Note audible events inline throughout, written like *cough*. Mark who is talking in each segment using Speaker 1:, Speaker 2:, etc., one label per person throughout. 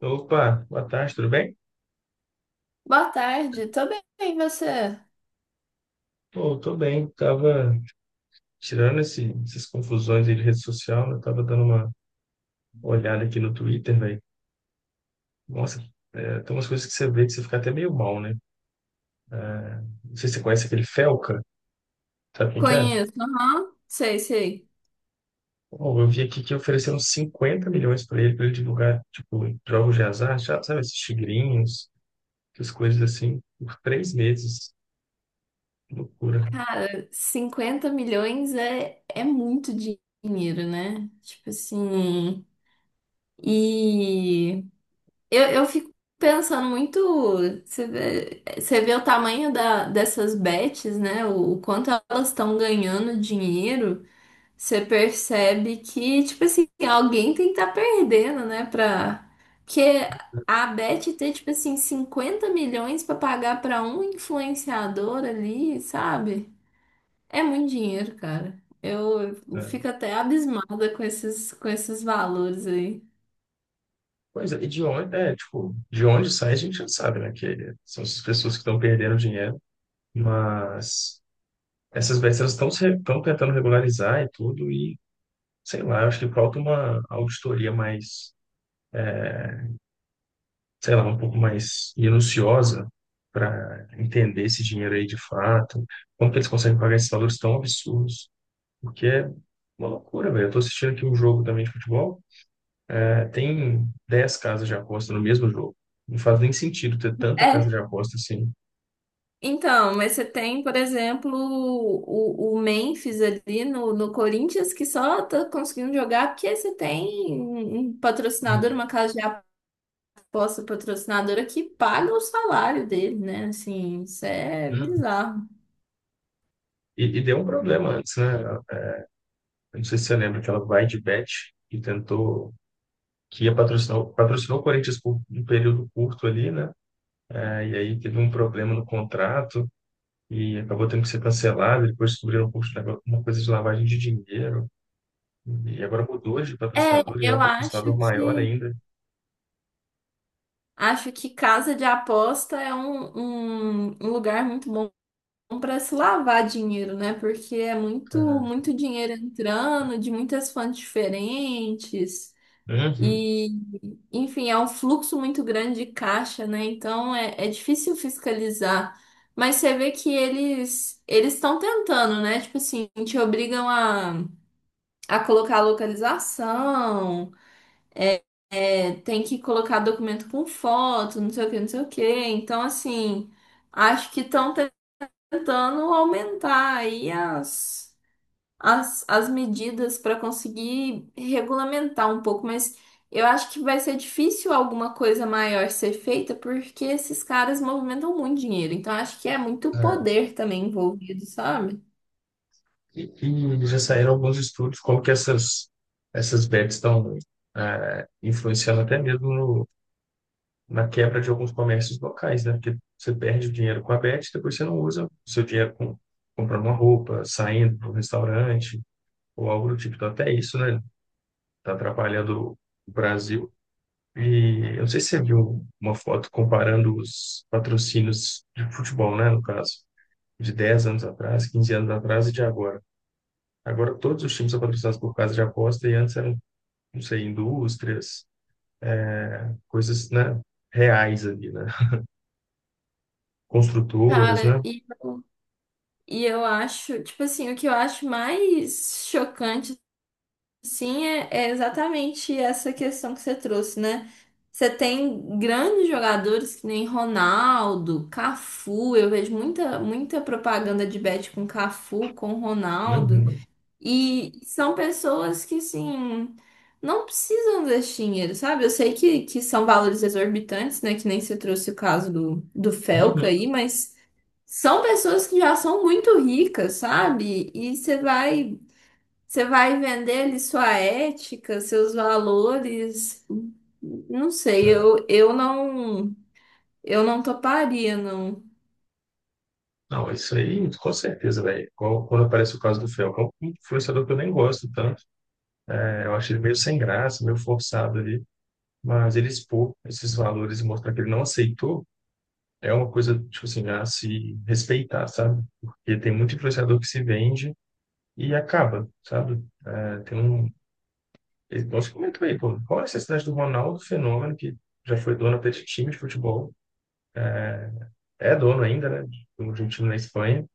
Speaker 1: Opa, boa tarde, tudo bem?
Speaker 2: Boa tarde, tô bem, e você?
Speaker 1: Pô, tô bem, tava tirando essas confusões aí de rede social, né? Tava dando uma olhada aqui no Twitter, velho. Nossa, é, tem umas coisas que você vê que você fica até meio mal, né? Não sei se você conhece aquele Felca, sabe quem que é?
Speaker 2: Conheço, aham, sei, sei.
Speaker 1: Pô, eu vi aqui que ofereceram 50 milhões pra ele divulgar, tipo, jogos de azar, sabe, esses tigrinhos, essas coisas assim, por 3 meses. Loucura.
Speaker 2: 50 milhões é muito dinheiro, né? Tipo assim. E eu fico pensando muito. Você vê o tamanho dessas bets, né? O quanto elas estão ganhando dinheiro. Você percebe que, tipo assim, alguém tem que estar perdendo, né? Pra... Porque a Beth ter, tipo assim, 50 milhões pra pagar pra um influenciador ali, sabe? É muito dinheiro, cara. Eu
Speaker 1: Né?
Speaker 2: fico até abismada com esses valores aí.
Speaker 1: Pois é, e de onde sai a gente já sabe, né? Que são essas pessoas que estão perdendo dinheiro. Mas essas BRs elas estão tentando regularizar e tudo, e sei lá, eu acho que falta uma auditoria mais, sei lá, um pouco mais minuciosa para entender esse dinheiro aí de fato, como que eles conseguem pagar esses valores tão absurdos, porque é uma loucura, velho. Eu tô assistindo aqui um jogo também de futebol, é, tem 10 casas de aposta no mesmo jogo. Não faz nem sentido ter tanta casa
Speaker 2: É,
Speaker 1: de aposta assim.
Speaker 2: então, mas você tem, por exemplo, o Memphis ali no, no Corinthians, que só tá conseguindo jogar porque você tem um patrocinador, uma casa de... Posso, patrocinadora que paga o salário dele, né? Assim, isso é
Speaker 1: Uhum.
Speaker 2: bizarro.
Speaker 1: E deu um problema antes, né? Eu não sei se você lembra, aquela Bydbet, que tentou que ia patrocinar, patrocinou o Corinthians por um período curto ali, né? É, e aí teve um problema no contrato e acabou tendo que ser cancelado. Depois descobriram uma coisa de lavagem de dinheiro. E agora mudou de
Speaker 2: É,
Speaker 1: patrocinador e é
Speaker 2: eu
Speaker 1: um patrocinador maior ainda.
Speaker 2: acho que casa de aposta é um lugar muito bom para se lavar dinheiro, né? Porque é muito
Speaker 1: É,
Speaker 2: muito dinheiro entrando de muitas fontes diferentes.
Speaker 1: uhum.
Speaker 2: E, enfim, é um fluxo muito grande de caixa, né? Então é difícil fiscalizar. Mas você vê que eles estão tentando, né? Tipo assim, te obrigam a colocar a localização, é, tem que colocar documento com foto, não sei o que, não sei o que. Então, assim, acho que estão tentando aumentar aí as, as medidas para conseguir regulamentar um pouco, mas eu acho que vai ser difícil alguma coisa maior ser feita, porque esses caras movimentam muito dinheiro, então acho que é muito
Speaker 1: É,
Speaker 2: poder também envolvido, sabe?
Speaker 1: e, e já saíram alguns estudos como que essas bets estão é, influenciando até mesmo na quebra de alguns comércios locais, né? Porque você perde o dinheiro com a Bet, depois você não usa o seu dinheiro comprando uma roupa, saindo para um restaurante ou algo do tipo. Então, até isso, né? Está atrapalhando o Brasil. E eu não sei se você viu uma foto comparando os patrocínios de futebol, né? No caso, de 10 anos atrás, 15 anos atrás e de agora. Agora, todos os times são patrocinados por casa de aposta e antes eram, não sei, indústrias, coisas, né? Reais ali, né? Construtoras,
Speaker 2: Cara,
Speaker 1: né?
Speaker 2: e eu acho, tipo assim, o que eu acho mais chocante... Sim, é exatamente essa questão que você trouxe, né? Você tem grandes jogadores que nem Ronaldo, Cafu. Eu vejo muita, muita propaganda de bet com Cafu, com Ronaldo.
Speaker 1: Uhum.
Speaker 2: E são pessoas que, assim, não precisam desse dinheiro, sabe? Eu sei que são valores exorbitantes, né? Que nem você trouxe o caso do Felca
Speaker 1: Uhum,
Speaker 2: aí, mas são pessoas que já são muito ricas, sabe? E você vai. Você vai vender ali sua ética, seus valores. Não sei,
Speaker 1: é.
Speaker 2: eu, eu não toparia, não.
Speaker 1: Não, isso aí, com certeza, velho. Igual quando aparece o caso do Felcão, um influenciador que eu nem gosto tanto, é, eu acho ele meio sem graça, meio forçado ali, mas ele expor esses valores e mostrar que ele não aceitou é uma coisa, tipo assim, a se respeitar, sabe? Porque tem muito influenciador que se vende e acaba, sabe? É, tem um. Nós comentou aí, pô, qual é a necessidade do Ronaldo Fenômeno, que já foi dono até de time de futebol, é dono ainda, né? De um time na Espanha,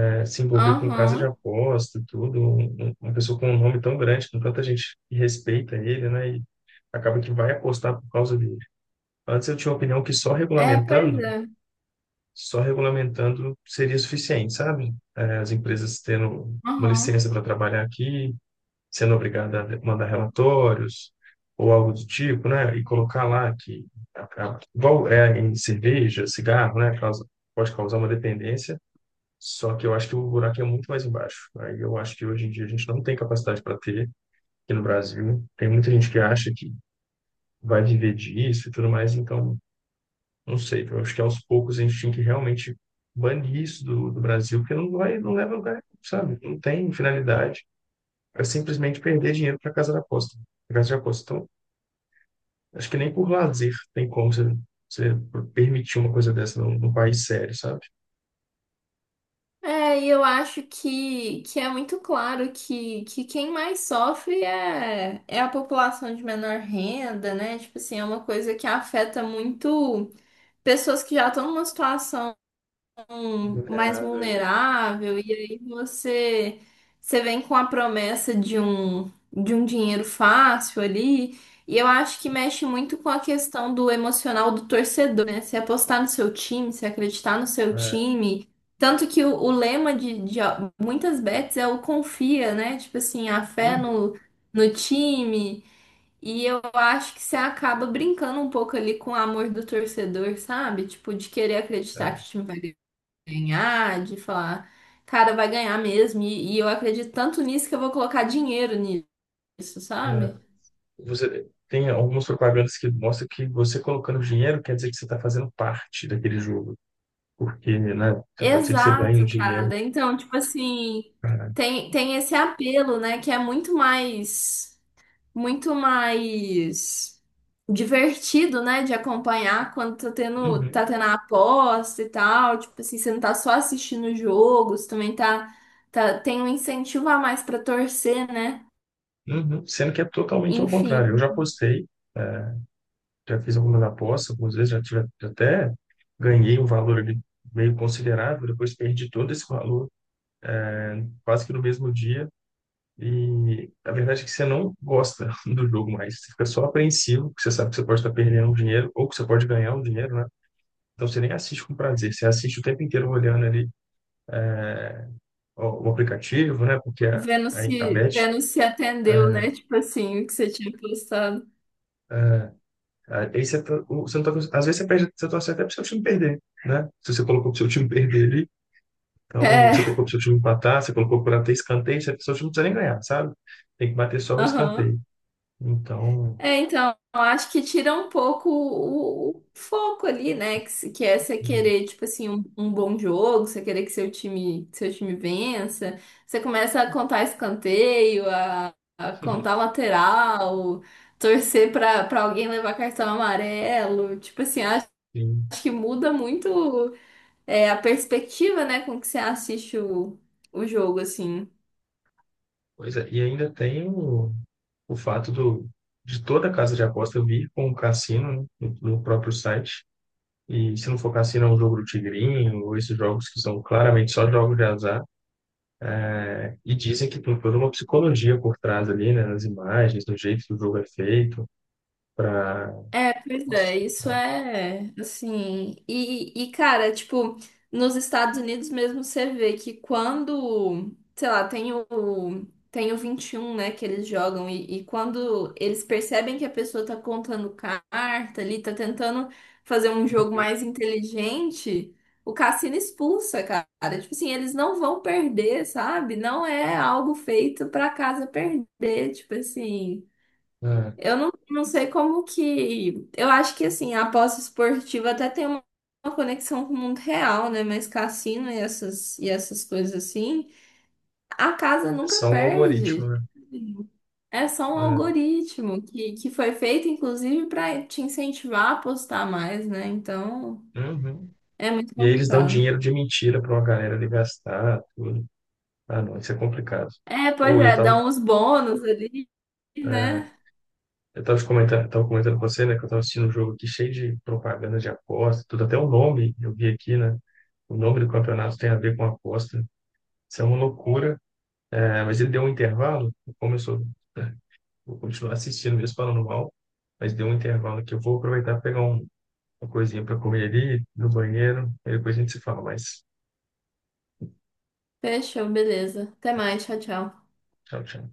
Speaker 1: né, se envolver com casa de
Speaker 2: Aham.
Speaker 1: aposta, tudo, uma pessoa com um nome tão grande, com tanta gente que respeita ele, né? E acaba que vai apostar por causa dele. Antes eu tinha a opinião que só
Speaker 2: É, pois
Speaker 1: regulamentando,
Speaker 2: é.
Speaker 1: só regulamentando seria suficiente, sabe? As empresas tendo uma
Speaker 2: Aham.
Speaker 1: licença para trabalhar aqui, sendo obrigada a mandar relatórios ou algo do tipo, né? E colocar lá que igual é em cerveja, cigarro, né? Pode causar uma dependência, só que eu acho que o buraco é muito mais embaixo. Aí eu acho que hoje em dia a gente não tem capacidade para ter aqui no Brasil. Tem muita gente que acha que vai viver disso e tudo mais, então não sei. Eu acho que aos poucos a gente tinha que realmente banir isso do Brasil, porque não vai, não leva a lugar, sabe? Não tem finalidade. É simplesmente perder dinheiro para casa da aposta. Pra casa de aposta. Então, acho que nem por lazer tem como você permitir uma coisa dessa num país sério, sabe?
Speaker 2: É, e eu acho que é muito claro que quem mais sofre é a população de menor renda, né? Tipo assim, é uma coisa que afeta muito pessoas que já estão numa situação mais
Speaker 1: Vulnerável.
Speaker 2: vulnerável, e aí você vem com a promessa de de um dinheiro fácil ali, e eu acho que mexe muito com a questão do emocional do torcedor, né? Se apostar no seu time, se acreditar no seu
Speaker 1: É,
Speaker 2: time. Tanto que o lema de muitas bets é o confia, né? Tipo assim, a fé no time. E eu acho que você acaba brincando um pouco ali com o amor do torcedor, sabe? Tipo, de querer acreditar que o time vai ganhar, de falar, cara, vai ganhar mesmo. E eu acredito tanto nisso que eu vou colocar dinheiro nisso,
Speaker 1: é,
Speaker 2: sabe?
Speaker 1: você tem algumas propagandas que mostram que você colocando dinheiro quer dizer que você está fazendo parte daquele jogo. Porque, né, pode ser que você ganhe
Speaker 2: Exato,
Speaker 1: dinheiro.
Speaker 2: cara. Então, tipo assim,
Speaker 1: pra-
Speaker 2: tem esse apelo, né? Que é muito mais divertido, né? De acompanhar quando
Speaker 1: Uhum,
Speaker 2: tá tendo a aposta e tal. Tipo assim, você não tá só assistindo o jogo, você também tá, tem um incentivo a mais pra torcer, né?
Speaker 1: uhum. Sendo que é totalmente ao contrário. Eu
Speaker 2: Enfim.
Speaker 1: já apostei, já fiz algumas apostas, algumas vezes já até ganhei um valor ali meio considerável, depois perdi todo esse valor quase que no mesmo dia. E a verdade é que você não gosta *laughs* do jogo mais, você fica só apreensivo, porque você sabe que você pode estar perdendo um dinheiro ou que você pode ganhar um dinheiro, né? Então você nem assiste com prazer, você assiste o tempo inteiro olhando ali ó, o aplicativo, né? Porque a, a bet,
Speaker 2: Vênus se
Speaker 1: é,
Speaker 2: atendeu, né? Tipo assim, o que você tinha postado.
Speaker 1: é, aí você não tá, às vezes você perde, você torce até pro seu time perder, né? Se você colocou para o seu time perder ali, então você
Speaker 2: É,
Speaker 1: colocou para o seu time empatar, você colocou para ter escanteio, seu time não precisa nem ganhar, sabe? Tem que bater só o
Speaker 2: aham.
Speaker 1: escanteio. Então,
Speaker 2: É, então, eu acho que tira um pouco o foco ali, né? Que, que é você
Speaker 1: *laughs* hum,
Speaker 2: querer, tipo assim, um bom jogo, você querer que seu time vença. Você começa a contar escanteio, a contar lateral, torcer pra alguém levar cartão amarelo. Tipo assim, acho
Speaker 1: sim,
Speaker 2: que muda muito. É, a perspectiva, né, com que você assiste o jogo, assim.
Speaker 1: pois é. E ainda tem o fato de toda a casa de aposta vir com o cassino, né, no próprio site. E se não for cassino, é um jogo do tigrinho, ou esses jogos que são claramente só jogos de azar. Né? E dizem que tem toda uma psicologia por trás ali, né? Nas imagens, no jeito que o jogo é feito, para.
Speaker 2: É, pois é, isso é assim. E, cara, tipo, nos Estados Unidos mesmo você vê que quando, sei lá, tem o 21, né, que eles jogam, e quando eles percebem que a pessoa tá contando carta ali, tá tentando fazer um jogo mais inteligente, o cassino expulsa, cara. Tipo assim, eles não vão perder, sabe? Não é algo feito pra casa perder, tipo assim.
Speaker 1: É,
Speaker 2: Eu não, Não sei como que... Eu acho que, assim, a aposta esportiva até tem uma conexão com o mundo real, né? Mas cassino e essas coisas assim, a casa
Speaker 1: é
Speaker 2: nunca
Speaker 1: só um algoritmo,
Speaker 2: perde.
Speaker 1: né?
Speaker 2: É só um
Speaker 1: É,
Speaker 2: algoritmo que foi feito, inclusive, para te incentivar a apostar mais, né? Então,
Speaker 1: uhum.
Speaker 2: é muito
Speaker 1: E aí eles dão
Speaker 2: complicado.
Speaker 1: dinheiro de mentira para uma galera ali gastar, tudo. Ah, não, isso é complicado.
Speaker 2: É, pois
Speaker 1: Ou eu
Speaker 2: é, dá
Speaker 1: tava,
Speaker 2: uns bônus ali,
Speaker 1: é,
Speaker 2: né?
Speaker 1: eu tava te comentando, tava comentando com você, né, que eu tava assistindo um jogo aqui cheio de propaganda de aposta, tudo, até o nome eu vi aqui, né? O nome do campeonato tem a ver com aposta. Isso é uma loucura. É, mas ele deu um intervalo, começou, né? Vou continuar assistindo mesmo falando mal, mas deu um intervalo que eu vou aproveitar e pegar uma coisinha para comer ali no banheiro, e depois a gente se fala mais.
Speaker 2: Fechou, beleza. Até mais, tchau, tchau.
Speaker 1: Tchau, tchau.